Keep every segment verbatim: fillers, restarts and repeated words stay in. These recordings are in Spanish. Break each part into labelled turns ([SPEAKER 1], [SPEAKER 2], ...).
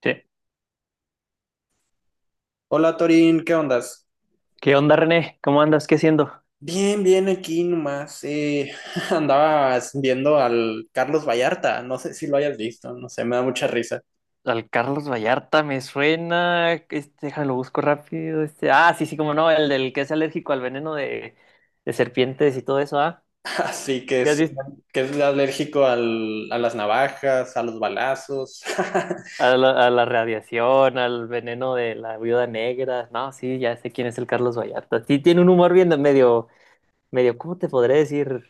[SPEAKER 1] Che,
[SPEAKER 2] Hola Torín, ¿qué ondas?
[SPEAKER 1] ¿qué onda, René? ¿Cómo andas? ¿Qué haciendo?
[SPEAKER 2] Bien, bien, aquí nomás. Eh, andabas viendo al Carlos Vallarta, no sé si lo hayas visto, no sé, me da mucha risa.
[SPEAKER 1] Al Carlos Vallarta me suena. Este, déjalo, busco rápido. Este, ah, sí, sí, como no, el del que es alérgico al veneno de, de serpientes y todo eso, ¿ah?
[SPEAKER 2] Así que
[SPEAKER 1] ¿Ya has
[SPEAKER 2] es,
[SPEAKER 1] visto?
[SPEAKER 2] que es alérgico al- a las navajas, a los balazos.
[SPEAKER 1] A la, a la radiación, al veneno de la viuda negra. No, sí, ya sé quién es el Carlos Vallarta. Sí, tiene un humor bien de medio, medio, ¿cómo te podré decir?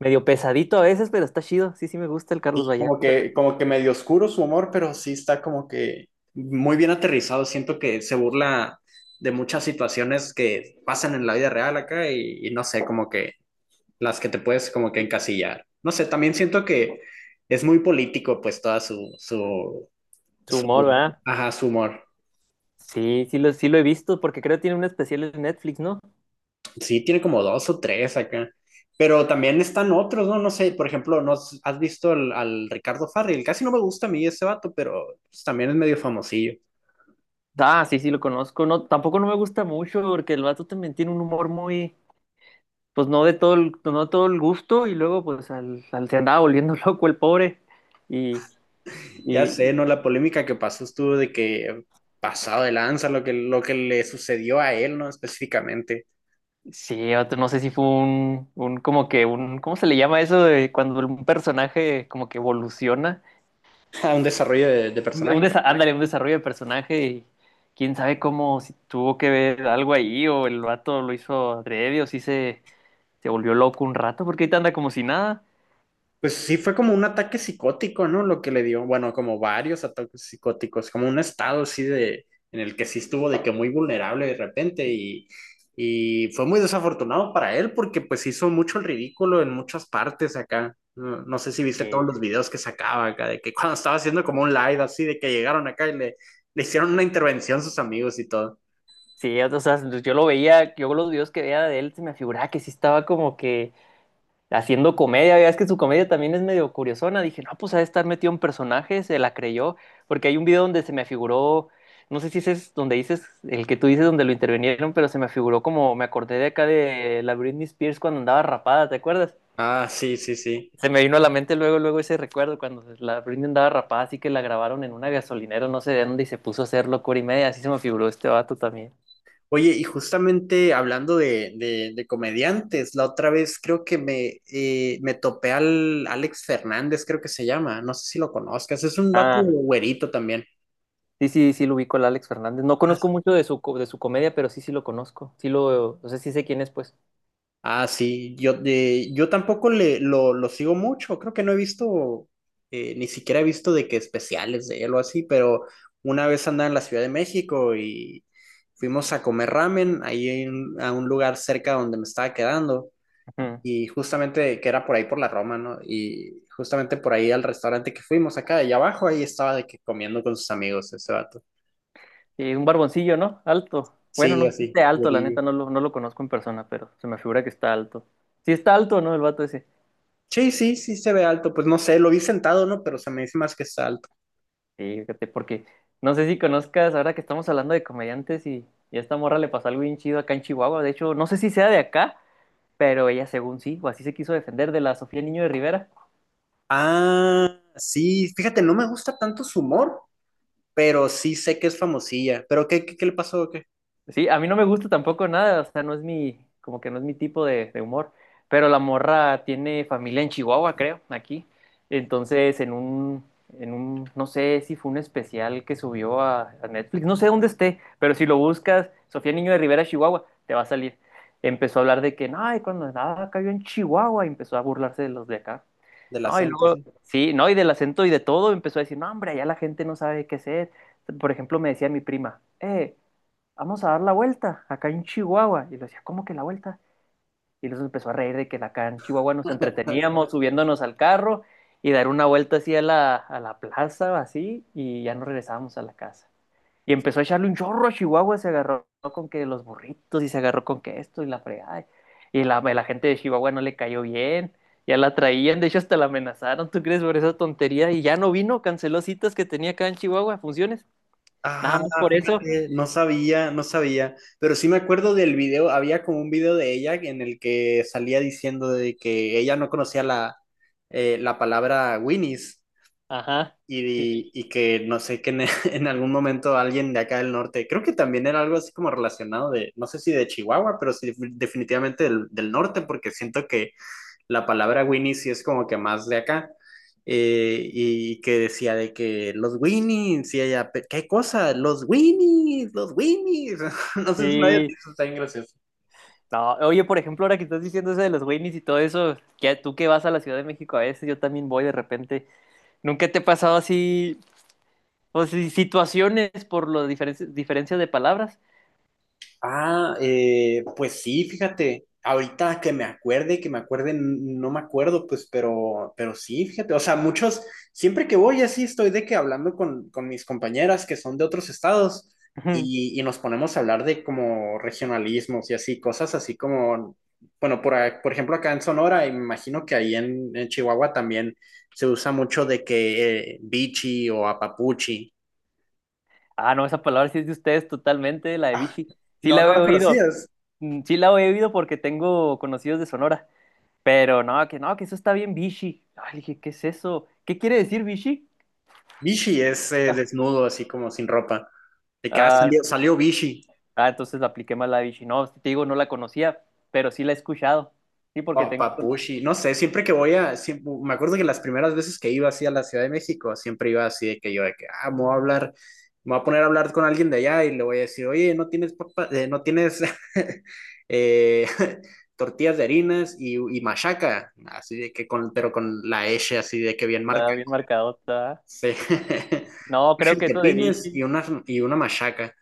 [SPEAKER 1] Medio pesadito a veces, pero está chido. Sí, sí, me gusta el Carlos
[SPEAKER 2] Y
[SPEAKER 1] Vallarta.
[SPEAKER 2] como que, como que medio oscuro su humor, pero sí está como que muy bien aterrizado. Siento que se burla de muchas situaciones que pasan en la vida real acá y, y no sé, como que las que te puedes como que encasillar. No sé, también siento que es muy político, pues, toda su, su,
[SPEAKER 1] Su humor,
[SPEAKER 2] su,
[SPEAKER 1] ¿verdad?
[SPEAKER 2] ajá, su humor.
[SPEAKER 1] Sí, sí lo, sí lo he visto porque creo que tiene un especial en Netflix, ¿no?
[SPEAKER 2] Sí, tiene como dos o tres acá. Pero también están otros, ¿no? No sé, por ejemplo, ¿no has has visto al, al Ricardo Farril? Casi no me gusta a mí ese vato, pero pues, también es medio famosillo.
[SPEAKER 1] Ah, sí, sí, lo conozco. No, tampoco no me gusta mucho porque el vato también tiene un humor muy, pues no de todo el, no de todo el gusto y luego pues al, al se andaba volviendo loco el pobre. Y,
[SPEAKER 2] Ya sé,
[SPEAKER 1] y
[SPEAKER 2] ¿no? La polémica que pasó estuvo de que pasado de lanza, lo que, lo que le sucedió a él, ¿no? Específicamente,
[SPEAKER 1] sí, vato, no sé si fue un, un, como que un, ¿cómo se le llama eso de cuando un personaje como que evoluciona?
[SPEAKER 2] a un desarrollo de, de
[SPEAKER 1] Un, un
[SPEAKER 2] personaje.
[SPEAKER 1] desa- ándale, un desarrollo de personaje y quién sabe cómo, si tuvo que ver algo ahí o el vato lo hizo adrede o si se, se volvió loco un rato porque ahorita anda como si nada.
[SPEAKER 2] Pues sí, fue como un ataque psicótico, ¿no? Lo que le dio, bueno, como varios ataques psicóticos, como un estado así de, en el que sí estuvo de que muy vulnerable de repente y, y fue muy desafortunado para él porque pues hizo mucho el ridículo en muchas partes acá. No, no sé si viste todos los
[SPEAKER 1] Eh,
[SPEAKER 2] videos que sacaba acá, de que cuando estaba haciendo como un live así, de que llegaron acá y le, le hicieron una intervención sus amigos y todo.
[SPEAKER 1] Sí, o sea, yo lo veía, yo los videos que veía de él se me figuraba que sí estaba como que haciendo comedia, veas que su comedia también es medio curiosona, dije, no, pues ha de estar metido en personajes, se la creyó, porque hay un video donde se me figuró, no sé si ese es donde dices, el que tú dices donde lo intervinieron, pero se me figuró como, me acordé de acá de la Britney Spears cuando andaba rapada, ¿te acuerdas?
[SPEAKER 2] Ah, sí, sí, sí.
[SPEAKER 1] Se me vino a la mente luego, luego ese recuerdo cuando la Britney andaba rapada, así que la grabaron en una gasolinera, no sé de dónde, y se puso a hacer locura y media, así se me figuró este vato también.
[SPEAKER 2] Oye, y justamente hablando de, de- de comediantes, la otra vez creo que me, eh, me topé al Alex Fernández, creo que se llama, no sé si lo conozcas, es un vato
[SPEAKER 1] Ah.
[SPEAKER 2] güerito también.
[SPEAKER 1] Sí, sí, sí, lo ubico al Alex Fernández. No
[SPEAKER 2] Ah, sí.
[SPEAKER 1] conozco mucho de su, co- de su comedia, pero sí, sí lo conozco. Sí lo, o sea, sí sé quién es, pues.
[SPEAKER 2] Ah, sí, yo, de- yo tampoco le, lo, lo sigo mucho, creo que no he visto, eh, ni siquiera he visto de que especiales de él o así, pero una vez andaba en la Ciudad de México y fuimos a comer ramen ahí en- a un lugar cerca donde me estaba quedando.
[SPEAKER 1] Ujú.
[SPEAKER 2] Y justamente que era por ahí por la Roma, ¿no? Y justamente por ahí al restaurante que fuimos acá de allá abajo, ahí estaba de que comiendo con sus amigos ese vato.
[SPEAKER 1] Y un barboncillo, ¿no? Alto. Bueno,
[SPEAKER 2] Sí,
[SPEAKER 1] no sé si
[SPEAKER 2] así,
[SPEAKER 1] esté alto, la
[SPEAKER 2] güerillo.
[SPEAKER 1] neta, no lo, no lo conozco en persona, pero se me figura que está alto. Sí está alto, ¿no? El vato ese.
[SPEAKER 2] Sí, sí, sí se ve alto. Pues no sé, lo vi sentado, ¿no? Pero se me dice más que está alto.
[SPEAKER 1] Sí, fíjate, porque no sé si conozcas, ahora que estamos hablando de comediantes y, y a esta morra le pasó algo bien chido acá en Chihuahua. De hecho, no sé si sea de acá, pero ella según sí, o así se quiso defender de la Sofía Niño de Rivera.
[SPEAKER 2] Ah, sí, fíjate, no me gusta tanto su humor, pero sí sé que es famosilla. ¿Pero qué, qué, qué le pasó? ¿O qué?
[SPEAKER 1] Sí, a mí no me gusta tampoco nada, o sea, no es mi, como que no es mi tipo de, de humor, pero la morra tiene familia en Chihuahua, creo, aquí. Entonces, en un, en un, no sé si fue un especial que subió a, a Netflix, no sé dónde esté, pero si lo buscas, Sofía Niño de Rivera, Chihuahua, te va a salir. Empezó a hablar de que, ay, cuando nada cayó en Chihuahua, y empezó a burlarse de los de acá.
[SPEAKER 2] Del
[SPEAKER 1] No, y
[SPEAKER 2] acento,
[SPEAKER 1] luego,
[SPEAKER 2] sí.
[SPEAKER 1] sí, no, y del acento y de todo empezó a decir, no, hombre, allá la gente no sabe qué hacer. Por ejemplo, me decía mi prima, eh, vamos a dar la vuelta acá en Chihuahua. Y le decía, ¿cómo que la vuelta? Y los empezó a reír de que acá en Chihuahua nos entreteníamos subiéndonos al carro y dar una vuelta así a la, a la plaza, así, y ya nos regresábamos a la casa. Y empezó a echarle un chorro a Chihuahua, se agarró con que los burritos y se agarró con que esto y la fregada. Y la, la gente de Chihuahua no le cayó bien, ya la traían, de hecho hasta la amenazaron, ¿tú crees por esa tontería? Y ya no vino, canceló citas que tenía acá en Chihuahua, funciones, nada más
[SPEAKER 2] Ah,
[SPEAKER 1] por eso.
[SPEAKER 2] fíjate, no sabía, no sabía, pero sí me acuerdo del video, había como un video de ella en el que salía diciendo de que ella no conocía la, eh, la palabra Winnie's
[SPEAKER 1] Ajá. Sí.
[SPEAKER 2] y, y que no sé, que en, en algún momento alguien de acá del norte, creo que también era algo así como relacionado de, no sé si de Chihuahua, pero sí definitivamente del, del norte, porque siento que la palabra Winnie sí es como que más de acá. Eh, y que decía de que los Winnies, y ella, ¿qué cosa? Los Winnies, los Winnies. No sé si lo hayas
[SPEAKER 1] Sí.
[SPEAKER 2] visto, está bien gracioso.
[SPEAKER 1] No, oye, por ejemplo, ahora que estás diciendo eso de los Goonies y todo eso, que tú que vas a la Ciudad de México a veces, yo también voy de repente. ¿Nunca te ha pasado así, o si- situaciones por las diferencias de palabras?
[SPEAKER 2] Ah, eh, pues sí, fíjate, ahorita que me acuerde, que me acuerde, n- no me acuerdo, pues, pero, pero sí, fíjate, o sea, muchos, siempre que voy así estoy de que hablando con, con mis compañeras que son de otros estados y, y nos ponemos a hablar de como regionalismos y así, cosas así como, bueno, por, a- por ejemplo, acá en Sonora, y me imagino que ahí en, en Chihuahua también se usa mucho de que eh, bichi o apapuchi.
[SPEAKER 1] Ah, no, esa palabra sí es de ustedes totalmente, la de
[SPEAKER 2] Ah,
[SPEAKER 1] Vichy. Sí
[SPEAKER 2] no,
[SPEAKER 1] la
[SPEAKER 2] no
[SPEAKER 1] he
[SPEAKER 2] las
[SPEAKER 1] oído.
[SPEAKER 2] conocías.
[SPEAKER 1] Mm, sí la he oído porque tengo conocidos de Sonora. Pero no, que no, que eso está bien Vichy. Ay, dije, ¿qué es eso? ¿Qué quiere decir Vichy?
[SPEAKER 2] Bishi es eh,
[SPEAKER 1] Ah,
[SPEAKER 2] desnudo, así como sin ropa. De que ah,
[SPEAKER 1] ah,
[SPEAKER 2] salió, salió Bishi,
[SPEAKER 1] ah, entonces la apliqué mal la de Vichy. No, te digo, no la conocía, pero sí la he escuchado. Sí, porque
[SPEAKER 2] pa-
[SPEAKER 1] tengo
[SPEAKER 2] Papushi, no sé, siempre que voy a, siempre- me acuerdo que las primeras veces que iba así a la Ciudad de México, siempre iba así de que yo, de que, ah, me voy a hablar, me voy a poner a hablar con alguien de allá y le voy a decir, oye, no tienes papa, eh, no tienes eh, tortillas de harinas y, y machaca, así de que con, pero con la S así de que bien marca.
[SPEAKER 1] la bien marcadota.
[SPEAKER 2] Sí.
[SPEAKER 1] No,
[SPEAKER 2] Unos
[SPEAKER 1] creo que eso de
[SPEAKER 2] chiltepines
[SPEAKER 1] Vichy.
[SPEAKER 2] y una, y una machaca.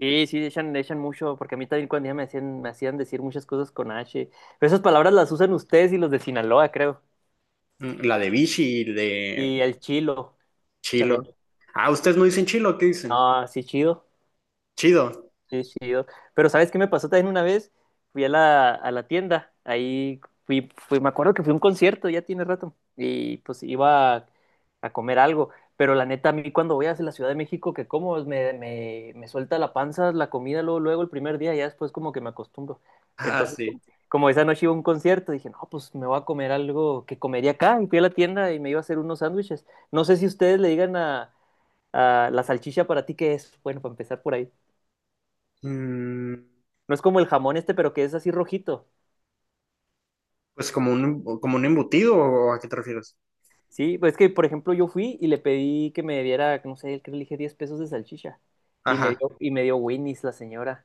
[SPEAKER 1] Sí, sí, echan, echan mucho, porque a mí también cuando ya me hacían, me hacían decir muchas cosas con H. Pero esas palabras las usan ustedes y los de Sinaloa, creo.
[SPEAKER 2] Mm, la de Vichy y
[SPEAKER 1] Y
[SPEAKER 2] de
[SPEAKER 1] el chilo
[SPEAKER 2] Chilo.
[SPEAKER 1] también.
[SPEAKER 2] Ah, ustedes no dicen chilo, ¿qué dicen?
[SPEAKER 1] Ah, sí, chido.
[SPEAKER 2] Chido.
[SPEAKER 1] Sí, chido. Pero ¿sabes qué me pasó también una vez? Fui a la, a la tienda. Ahí fui, fui, me acuerdo que fui a un concierto, ya tiene rato. Y pues iba a, a comer algo. Pero la neta, a mí cuando voy hacia la Ciudad de México, que como pues, me, me, me suelta la panza, la comida, luego, luego el primer día, ya después como que me acostumbro.
[SPEAKER 2] Ah,
[SPEAKER 1] Entonces,
[SPEAKER 2] sí.
[SPEAKER 1] como, como esa noche iba a un concierto, dije, no, pues me voy a comer algo que comería acá. Y fui a la tienda y me iba a hacer unos sándwiches. No sé si ustedes le digan a. Ah, la salchicha para ti, ¿qué es? Bueno, para empezar por ahí.
[SPEAKER 2] Mm,
[SPEAKER 1] No es como el jamón este, pero que es así rojito.
[SPEAKER 2] pues como un, como un embutido, ¿o a qué te refieres?
[SPEAKER 1] Sí, pues es que, por ejemplo, yo fui y le pedí que me diera, no sé, que le dije diez pesos de salchicha. Y me
[SPEAKER 2] Ajá,
[SPEAKER 1] dio, y me dio Winnie's la señora.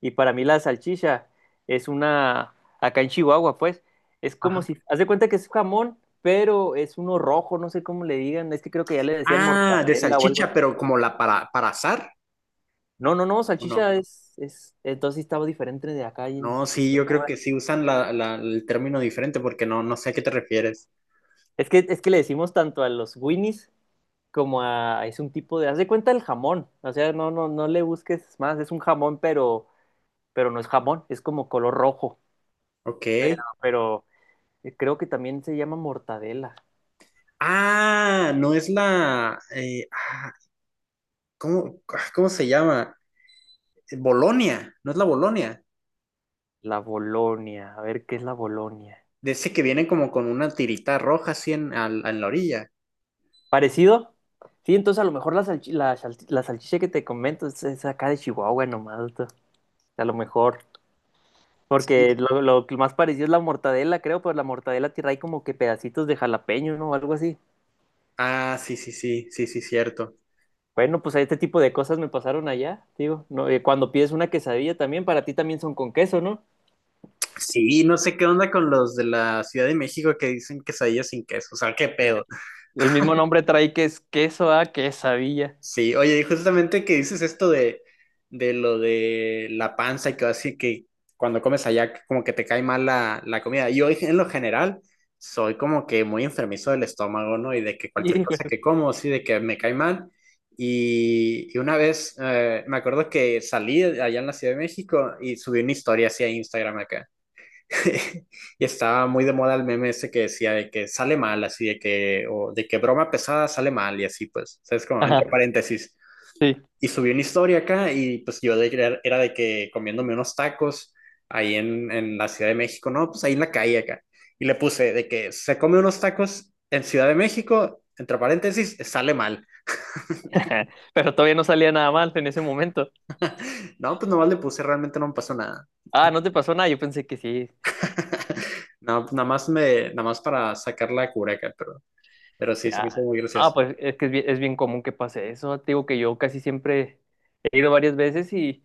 [SPEAKER 1] Y para mí la salchicha es una, acá en Chihuahua, pues, es como
[SPEAKER 2] ajá.
[SPEAKER 1] si, haz de cuenta que es jamón, pero es uno rojo, no sé cómo le digan, es que creo que ya le decían
[SPEAKER 2] Ah, de
[SPEAKER 1] mortadela o algo
[SPEAKER 2] salchicha,
[SPEAKER 1] así.
[SPEAKER 2] pero como la para, para asar,
[SPEAKER 1] No, no, no,
[SPEAKER 2] ¿o no?
[SPEAKER 1] salchicha es, es, entonces sí estaba diferente de acá y en.
[SPEAKER 2] No, sí, yo creo que sí usan la, la- el término diferente porque no, no sé a qué te refieres.
[SPEAKER 1] Es que, es que le decimos tanto a los Winnies como a. Es un tipo de. Haz de cuenta el jamón. O sea, no, no, no le busques más. Es un jamón, pero, pero no es jamón. Es como color rojo. Pero,
[SPEAKER 2] Ok.
[SPEAKER 1] pero eh, creo que también se llama mortadela.
[SPEAKER 2] Ah, no es la... eh, ah, ¿cómo, ah, cómo se llama? Eh, Bolonia, no es la Bolonia.
[SPEAKER 1] La Bolonia. A ver qué es la Bolonia.
[SPEAKER 2] De ese que viene como con una tirita roja así en, al- en la orilla.
[SPEAKER 1] ¿Parecido? Sí, entonces a lo mejor la, salchi- la, salchi- la salchicha que te comento es, es acá de Chihuahua nomás. to- A lo mejor.
[SPEAKER 2] Sí,
[SPEAKER 1] Porque lo, lo que más parecido es la mortadela, creo, pero la mortadela tira ahí como que pedacitos de jalapeño, ¿no? O algo así.
[SPEAKER 2] ah, sí, sí, sí, sí, sí, cierto.
[SPEAKER 1] Bueno, pues este tipo de cosas me pasaron allá, digo. No, eh, cuando pides una quesadilla también, para ti también son con queso, ¿no?
[SPEAKER 2] Sí, no sé qué onda con los de la Ciudad de México que dicen quesadillas sin queso, o sea, qué
[SPEAKER 1] Ya.
[SPEAKER 2] pedo.
[SPEAKER 1] El mismo nombre trae que es queso a quesadilla.
[SPEAKER 2] Sí, oye, y justamente que dices esto de, de lo de la panza y que así que cuando comes allá que como que te cae mal la, la comida. Yo en lo general soy como que muy enfermizo del estómago, ¿no? Y de que cualquier
[SPEAKER 1] Hijo,
[SPEAKER 2] cosa
[SPEAKER 1] eso.
[SPEAKER 2] que como, sí, de que me cae mal. Y, y una vez eh, me acuerdo que salí allá en la Ciudad de México y subí una historia así a Instagram acá. Y estaba muy de moda el meme ese que decía de que sale mal, así de que, o de que broma pesada sale mal y así, pues, ¿sabes? Como entre
[SPEAKER 1] Ajá,
[SPEAKER 2] paréntesis.
[SPEAKER 1] sí.
[SPEAKER 2] Y subí una historia acá y pues yo de- era de que comiéndome unos tacos ahí en, en la Ciudad de México, no, pues ahí en la calle acá. Y le puse de que se come unos tacos en Ciudad de México, entre paréntesis, sale mal.
[SPEAKER 1] Pero todavía no salía nada mal en ese momento.
[SPEAKER 2] No, pues nomás le puse, realmente no me pasó nada.
[SPEAKER 1] Ah, ¿no te pasó nada? Yo pensé que sí.
[SPEAKER 2] No, pues nada más me, nada más para sacar la cura acá pero, pero sí se me
[SPEAKER 1] Ya.
[SPEAKER 2] hizo muy
[SPEAKER 1] Ah,
[SPEAKER 2] gracioso.
[SPEAKER 1] pues es que es bien, es bien común que pase eso. Te digo que yo casi siempre he ido varias veces y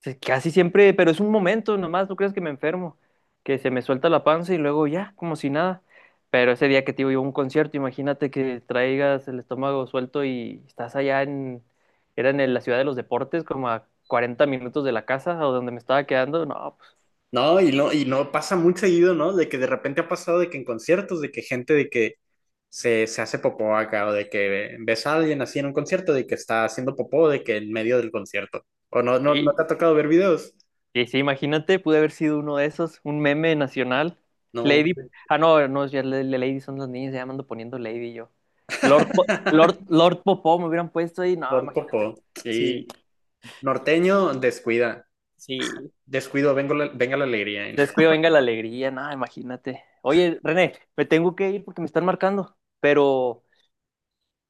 [SPEAKER 1] se- casi siempre, pero es un momento nomás, no crees que me enfermo, que se me suelta la panza y luego ya, como si nada. Pero ese día que te digo yo a un concierto, imagínate que traigas el estómago suelto y estás allá en, era en el- la ciudad de los deportes, como a cuarenta minutos de la casa o donde me estaba quedando. No, pues
[SPEAKER 2] No, y no, y no pasa muy seguido, ¿no? De que de repente ha pasado de que en conciertos, de que gente de que se, se hace popó acá, o de que ves a alguien así en un concierto, de que está haciendo popó, de que en medio del concierto. O no, no, no te
[SPEAKER 1] sí,
[SPEAKER 2] ha tocado ver videos.
[SPEAKER 1] y sí, imagínate, pude haber sido uno de esos, un meme nacional.
[SPEAKER 2] No.
[SPEAKER 1] Lady. Ah, no, no, ya la- la Lady son las niñas, ya me ando poniendo Lady yo. Lord, Po- Lord, Lord Popó me hubieran puesto ahí, no,
[SPEAKER 2] Lord
[SPEAKER 1] imagínate.
[SPEAKER 2] Popó.
[SPEAKER 1] Sí,
[SPEAKER 2] Sí. Norteño, descuida.
[SPEAKER 1] sí.
[SPEAKER 2] Descuido, vengo la- venga la alegría.
[SPEAKER 1] Descuido, venga la alegría, no, imagínate. Oye, René, me tengo que ir porque me están marcando, pero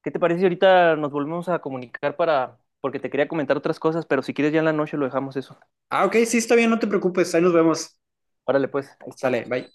[SPEAKER 1] ¿qué te parece si ahorita nos volvemos a comunicar para, porque te quería comentar otras cosas, pero si quieres ya en la noche lo dejamos eso.
[SPEAKER 2] Ah, ok, sí, está bien, no te preocupes. Ahí nos vemos.
[SPEAKER 1] Órale, pues, ahí
[SPEAKER 2] Sale,
[SPEAKER 1] estamos.
[SPEAKER 2] bye.